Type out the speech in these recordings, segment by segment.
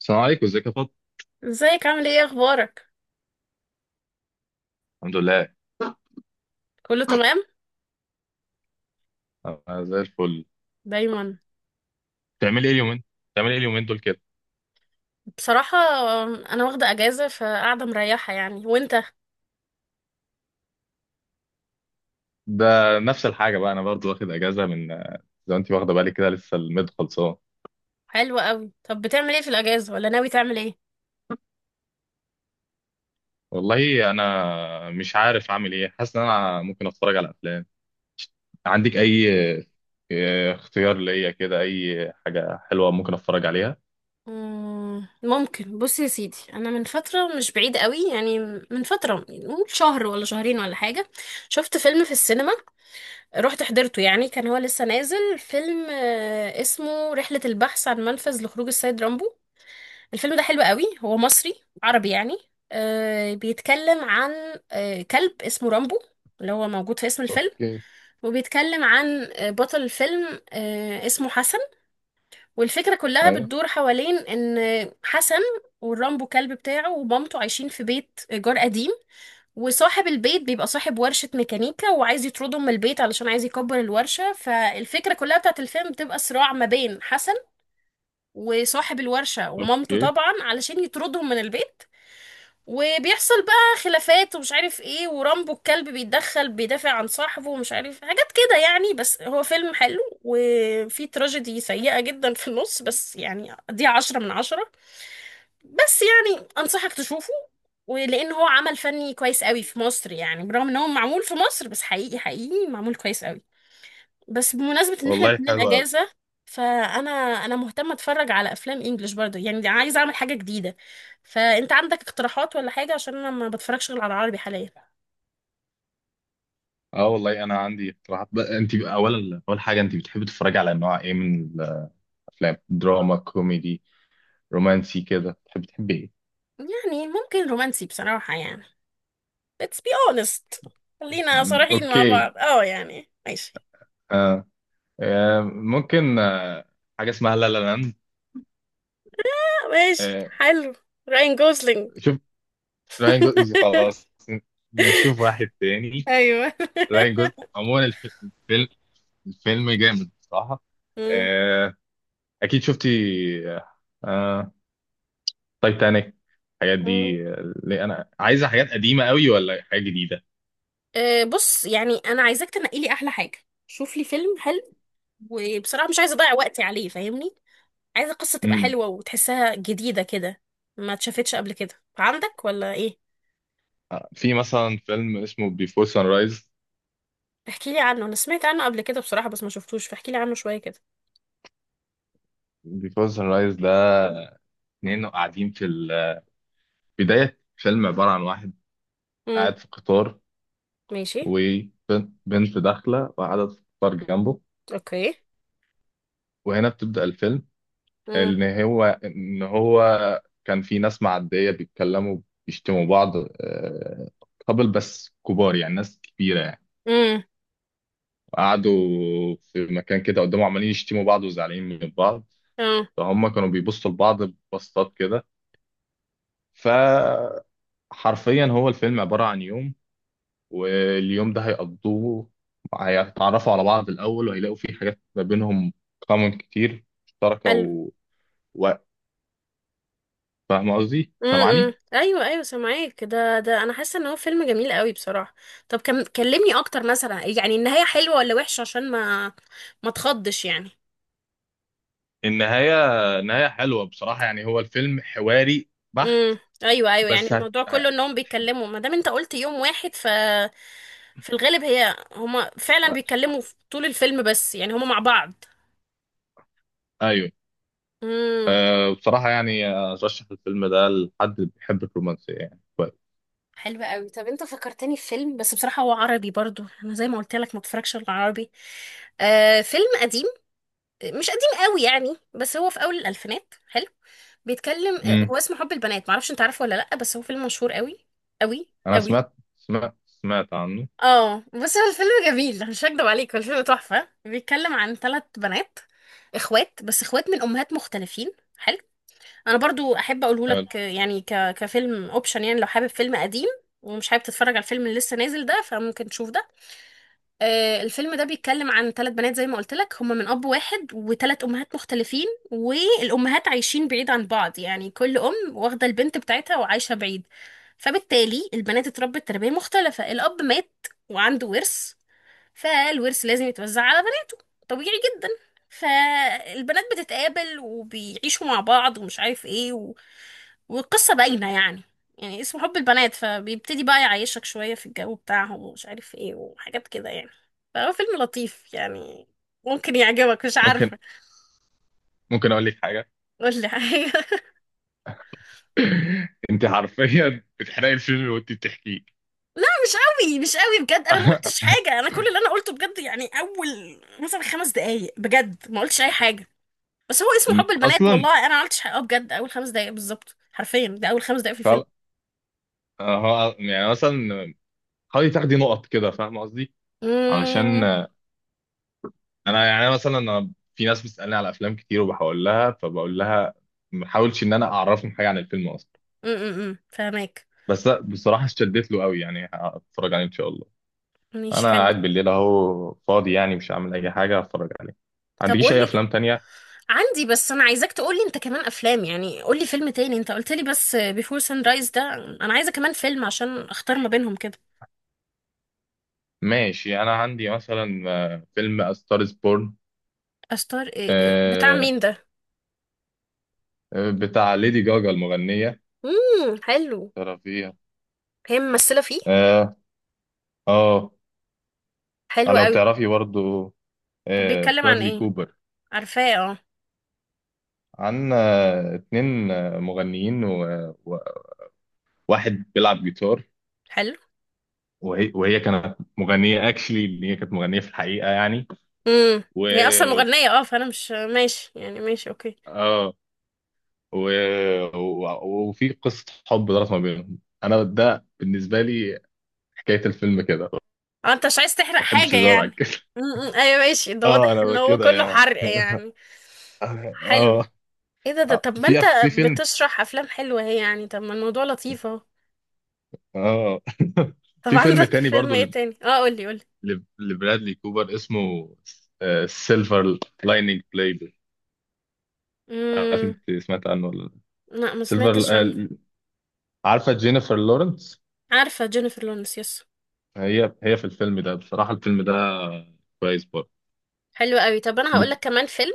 السلام عليكم، ازيك يا فاطمة؟ ازيك؟ عامل ايه؟ اخبارك؟ الحمد لله. كله تمام. انا زي الفل. دايما. بتعملي ايه اليومين بتعملي ايه اليومين دول كده؟ بصراحة انا واخدة اجازة فقاعدة مريحة يعني، وانت؟ ده نفس الحاجه بقى، انا برضو واخد اجازه من، زي ما انت واخده بالك كده، لسه الميد خلصان. حلو قوي. طب بتعمل ايه في الاجازة ولا ناوي تعمل ايه؟ والله انا مش عارف اعمل ايه، حاسس ان انا ممكن اتفرج على افلام. عندك اي اه، اختيار ليا كده، اي حاجه حلوه ممكن اتفرج عليها. ممكن. بص يا سيدي، انا من فترة مش بعيد قوي يعني، من فترة نقول شهر ولا شهرين ولا حاجة، شفت فيلم في السينما. رحت حضرته يعني، كان هو لسه نازل فيلم اسمه رحلة البحث عن منفذ لخروج السيد رامبو. الفيلم ده حلو قوي، هو مصري عربي يعني. آه بيتكلم عن كلب اسمه رامبو اللي هو موجود في اسم الفيلم. اوكي. وبيتكلم عن بطل الفيلم اسمه حسن. والفكرة كلها ايوه. بتدور حوالين ان حسن والرامبو كلب بتاعه ومامته عايشين في بيت إيجار قديم، وصاحب البيت بيبقى صاحب ورشة ميكانيكا وعايز يطردهم من البيت علشان عايز يكبر الورشة. فالفكرة كلها بتاعت الفيلم بتبقى صراع ما بين حسن وصاحب الورشة ومامته اوكي، طبعا علشان يطردهم من البيت. وبيحصل بقى خلافات ومش عارف ايه، ورامبو الكلب بيتدخل بيدافع عن صاحبه ومش عارف حاجات كده يعني. بس هو فيلم حلو، وفي تراجيدي سيئة جدا في النص، بس يعني دي 10/10. بس يعني أنصحك تشوفه، ولأن هو عمل فني كويس قوي في مصر يعني، برغم ان هو معمول في مصر بس حقيقي حقيقي معمول كويس قوي. بس بمناسبة ان احنا والله الاتنين حلوه أوي. اجازة، فانا انا مهتمة اتفرج على افلام انجلش برضه يعني، عايزة اعمل حاجة جديدة. فانت عندك اقتراحات ولا حاجة؟ عشان انا ما بتفرجش غير على العربي حاليا. اه، والله انا عندي اقتراحات بقى. انت اولا، اول حاجه، انت بتحبي تتفرجي على انواع ايه من الافلام؟ دراما، كوميدي، رومانسي كده، تحب ايه؟ يعني ممكن رومانسي بصراحة يعني. Let's be honest. خلينا صريحين مع اوكي. بعض، اه يعني ماشي. آه. آه. ممكن. آه، حاجه اسمها لا لا لاند. آه، ماشي آه. حلو. راين جوزلينج. شوف، راين جوزلينج، خلاص. نشوف واحد تاني. ايوه. راين جوزلينج عموما الفيلم الفيلم جامد بصراحه. مم. آه. اكيد شفتي. آه. آه، تايتانيك، الحاجات مم. دي، اللي انا عايزه حاجات قديمه قوي ولا حاجه جديده؟ بص يعني انا عايزاك تنقي لي احلى حاجة. شوف لي فيلم حلو. وبصراحة مش عايزة أضيع وقتي عليه، فاهمني؟ عايزة القصة تبقى امم. حلوة وتحسها جديدة كده، ما اتشافتش قبل كده، عندك ولا إيه؟ في مثلا فيلم اسمه بيفور سان رايز. احكي لي عنه، أنا سمعت عنه قبل كده بصراحة بس ما شفتوش، فاحكي لي عنه شوية كده. بيفور سان رايز ده، اتنين قاعدين في بداية فيلم عبارة عن واحد امم. قاعد في قطار، ماشي. وبنت داخلة وقاعدة في قطار جنبه، أوكي. وهنا بتبدأ الفيلم. امم. إن هو كان في ناس معدية بيتكلموا، بيشتموا بعض، قبل، بس كبار يعني، ناس كبيرة يعني. امم. وقعدوا في مكان كده قدامه عمالين يشتموا بعض وزعلانين من بعض. اه. فهم كانوا بيبصوا لبعض ببصات كده. فحرفيا هو الفيلم عبارة عن يوم، واليوم ده هيقضوه، هيتعرفوا على بعض الأول وهيلاقوا فيه حاجات ما بينهم كومن كتير مشتركة حلو. و... فاهم قصدي؟ سامعني؟ ايوه ايوه سامعاك. ده انا حاسه ان هو فيلم جميل قوي بصراحه. طب كم كلمني اكتر مثلا، يعني النهايه حلوه ولا وحشه عشان ما تخضش يعني. النهاية نهاية حلوة بصراحة، يعني هو الفيلم حواري بحت. ايوه ايوه، يعني بس هت... الموضوع كله انهم بيتكلموا، ما دام انت قلت يوم واحد ف في الغالب هي هما فعلا آه، بيتكلموا في طول الفيلم، بس يعني هما مع بعض. أيوه. امم. أه، بصراحة يعني أرشح الفيلم ده لحد اللي بيحب الرومانسية، يعني كويس. حلو قوي. طب انت فكرتني في فيلم، بس بصراحة هو عربي برضو، انا زي ما قلت لك ما اتفرجش على العربي. آه فيلم قديم، مش قديم قوي يعني، بس هو في اول الالفينات، حلو. بيتكلم امم. هو اسمه حب البنات، معرفش انت عارفه ولا لا، بس هو فيلم مشهور قوي قوي أنا قوي. سمعت عنه. اه بس هو الفيلم جميل، مش هكدب عليك هو الفيلم تحفة. بيتكلم عن ثلاث بنات اخوات، بس اخوات من امهات مختلفين، حلو. انا برضو احب اقوله حلو. لك، يعني كفيلم اوبشن، يعني لو حابب فيلم قديم ومش حابب تتفرج على الفيلم اللي لسه نازل ده، فممكن تشوف ده. آه الفيلم ده بيتكلم عن ثلاث بنات زي ما قلت لك، هما من اب واحد وثلاث امهات مختلفين، والامهات عايشين بعيد عن بعض، يعني كل ام واخده البنت بتاعتها وعايشه بعيد. فبالتالي البنات اتربت تربيه مختلفه. الاب مات وعنده ورث، فالورث لازم يتوزع على بنات، طبيعي جدا. فالبنات بتتقابل وبيعيشوا مع بعض ومش عارف ايه والقصة باينة يعني. يعني اسمه حب البنات فبيبتدي بقى يعيشك شوية في الجو بتاعهم ومش عارف ايه وحاجات كده يعني. فهو فيلم لطيف يعني، ممكن يعجبك مش ممكن عارفة. ممكن أقول لك حاجة. قول لي حاجة. أنت حرفيا بتحرقي الفيلم وأنت بتحكيه. لا مش قوي مش قوي بجد، انا ما قلتش حاجة، انا كل اللي انا قلته بجد يعني اول مثلا 5 دقايق، بجد ما قلتش اي حاجة. بس هو اسمه حب البنات اصلا والله، انا ما عملتش حقها، بجد اول 5 دقايق بالظبط حرفيا، ده اول 5 دقايق في الفيلم. فعلا، هو يعني مثلا حاولي تاخدي نقط كده، فاهم قصدي؟ علشان امم. آه، انا يعني مثلا، انا في ناس بتسالني على افلام كتير وبحاول لها، فبقول لها ما حاولش ان انا اعرفهم حاجه عن الفيلم اصلا. فهماك. بس لأ، بصراحه اشتدت له قوي، يعني هتفرج عليه ان شاء الله. مش انا حلو. قاعد بالليل اهو فاضي، يعني مش هعمل اي حاجه، هتفرج عليه. ما طب عندكيش قول اي لي. افلام تانية؟ عندي بس انا عايزاك تقول لي انت كمان افلام، يعني قول لي فيلم تاني، انت قلت لي بس بيفور سان رايز ده، انا عايزه كمان فيلم عشان اختار ما بينهم كده. ماشي، انا عندي مثلا، فيلم A Star is Born. استار إيه بتاع آه، مين ده؟ آه، بتاع ليدي جاجا المغنيه. حلو. ترى فيها. هي ممثله فيه؟ اه. اه. آه، حلو لو قوي. تعرفي برضو طب آه، بيتكلم عن برادلي ايه؟ كوبر. عارفاه اه. عندنا اتنين، مغنيين وواحد بيلعب جيتار. حلو. وهي كانت مغنية اكشلي، اللي هي كانت مغنية في الحقيقة يعني. امم. و هي اصلا مغنيه اه، فانا مش ماشي يعني، ماشي اوكي. اه. و... وفي قصة حب دارت ما بينهم. انا ده بالنسبة لي حكاية الفيلم كده، ما اه انت مش عايز تحرق بحبش حاجة الزرع يعني. كده. ايوه ماشي، ده واضح اه، ان انا هو كده كله يعني. حرق يعني. حلو. اه. ايه ده؟ طب ما انت في فيلم. بتشرح افلام حلوة اهي يعني، طب ما الموضوع لطيف اهو. اه. طب في فيلم عندك تاني فيلم برضو، ايه تاني؟ اه قولي قولي. لبرادلي كوبر اسمه سيلفر لايننج بلاي. عارف امم. انت سمعت عنه ولا لا؟ لا ما سيلفر سمعتش عنه. عارفه جينيفر لورنس؟ عارفة جينيفر لورنس يس. هي في الفيلم ده، بصراحه الفيلم ده كويس برضه. حلو قوي. طب انا هقول بت- لك كمان فيلم،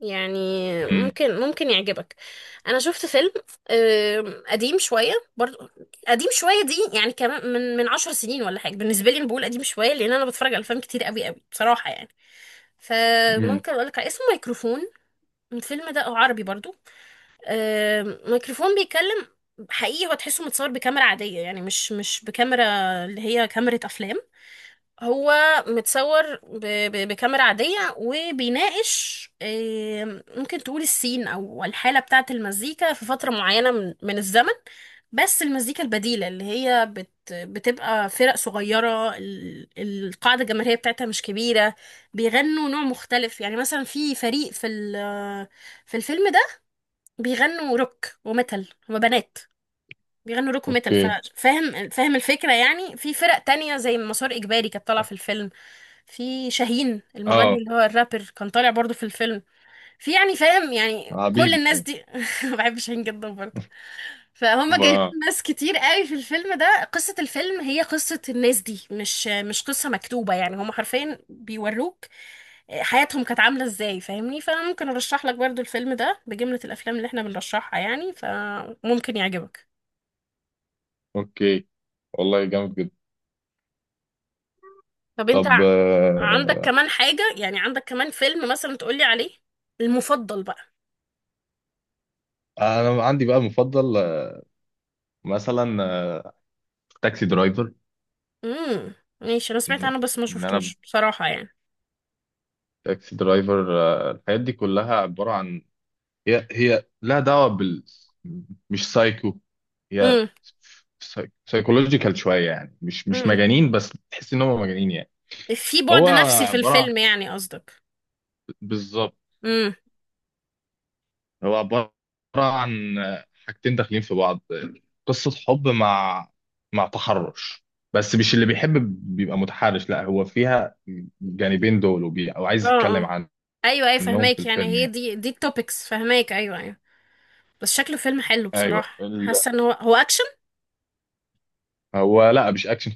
يعني مم. ممكن يعجبك. انا شفت فيلم، قديم شويه برضو، قديم شويه دي يعني، كمان من 10 سنين ولا حاجه، بالنسبه لي انا بقول قديم شويه لان انا بتفرج على افلام كتير قوي قوي بصراحه يعني. مم. فممكن اقول لك على اسمه ميكروفون. الفيلم ده عربي برضو. ميكروفون بيتكلم، حقيقي هو تحسه متصور بكاميرا عاديه يعني، مش بكاميرا اللي هي كاميرا افلام، هو متصور بكاميرا عادية وبيناقش، ممكن تقول السين أو الحالة بتاعة المزيكا في فترة معينة من الزمن. بس المزيكا البديلة اللي هي بتبقى فرق صغيرة، القاعدة الجماهيرية بتاعتها مش كبيرة، بيغنوا نوع مختلف. يعني مثلا في فريق في في الفيلم ده بيغنوا روك وميتال، هما بنات بيغنوا روك ميتال اوكي. فاهم فاهم الفكرة يعني. في فرق تانية زي مسار إجباري كانت طالعة في الفيلم، في شاهين المغني اه، اللي هو الرابر كان طالع برضو في الفيلم. في يعني فاهم يعني كل حبيبي الناس فاهم. دي بحب شاهين جدا برضو. فهم جايبين ب- ناس كتير قوي في الفيلم ده، قصة الفيلم هي قصة الناس دي، مش قصة مكتوبة يعني، هم حرفيا بيوروك حياتهم كانت عاملة ازاي، فاهمني؟ فممكن ارشح لك برضو الفيلم ده بجملة الافلام اللي احنا بنرشحها يعني، فممكن يعجبك. اوكي، والله جامد جدا. طب انت طب عندك آه، كمان حاجة يعني، عندك كمان فيلم مثلا تقولي عليه المفضل بقى. انا عندي بقى مفضل، مثلا، تاكسي درايفر. امم ماشي. انا سمعت ان عنه بس ما إن انا شفتوش بصراحة يعني. تاكسي درايفر، الحاجات دي كلها عباره عن، هي لها دعوة مش سايكو، هي امم. سايكولوجيكال شوية، يعني مش امم. مجانين بس تحس ان هم مجانين يعني. في هو بعد نفسي في عبارة عن الفيلم يعني قصدك؟ بالظبط. امم. هو عبارة عن حاجتين داخلين في بعض، قصة حب مع تحرش، بس مش اللي بيحب بيبقى متحرش، لا هو فيها جانبين دول، او اه. عايز يتكلم اه. ايوه ايوه عنهم في فهماك، يعني الفيلم هي يعني. دي التوبكس، فهماك ايوه ايوه. بس شكله فيلم حلو ايوه بصراحة، حاسة ان هو اكشن. هو لا، مش اكشن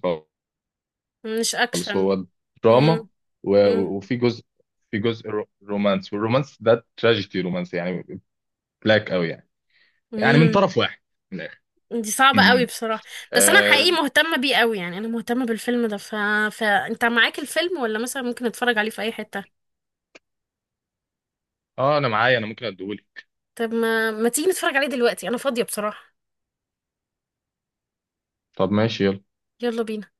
مش خالص، اكشن. هو دراما. امم. و- وفي جزء رومانس، والرومانس ده تراجيدي رومانس يعني، بلاك قوي يعني، يعني من امم. طرف واحد، من الاخر. دي م- صعبة قوي م. بصراحة. بس انا اه. حقيقي مهتمة بيه قوي، يعني انا مهتمة بالفيلم ده فانت معاك الفيلم ولا مثلا ممكن نتفرج عليه في اي حتة؟ آه، انا معايا، انا ممكن اديهولك. طب ما تيجي نتفرج عليه دلوقتي انا فاضية بصراحة. طب، ماشي، يلا. يلا بينا.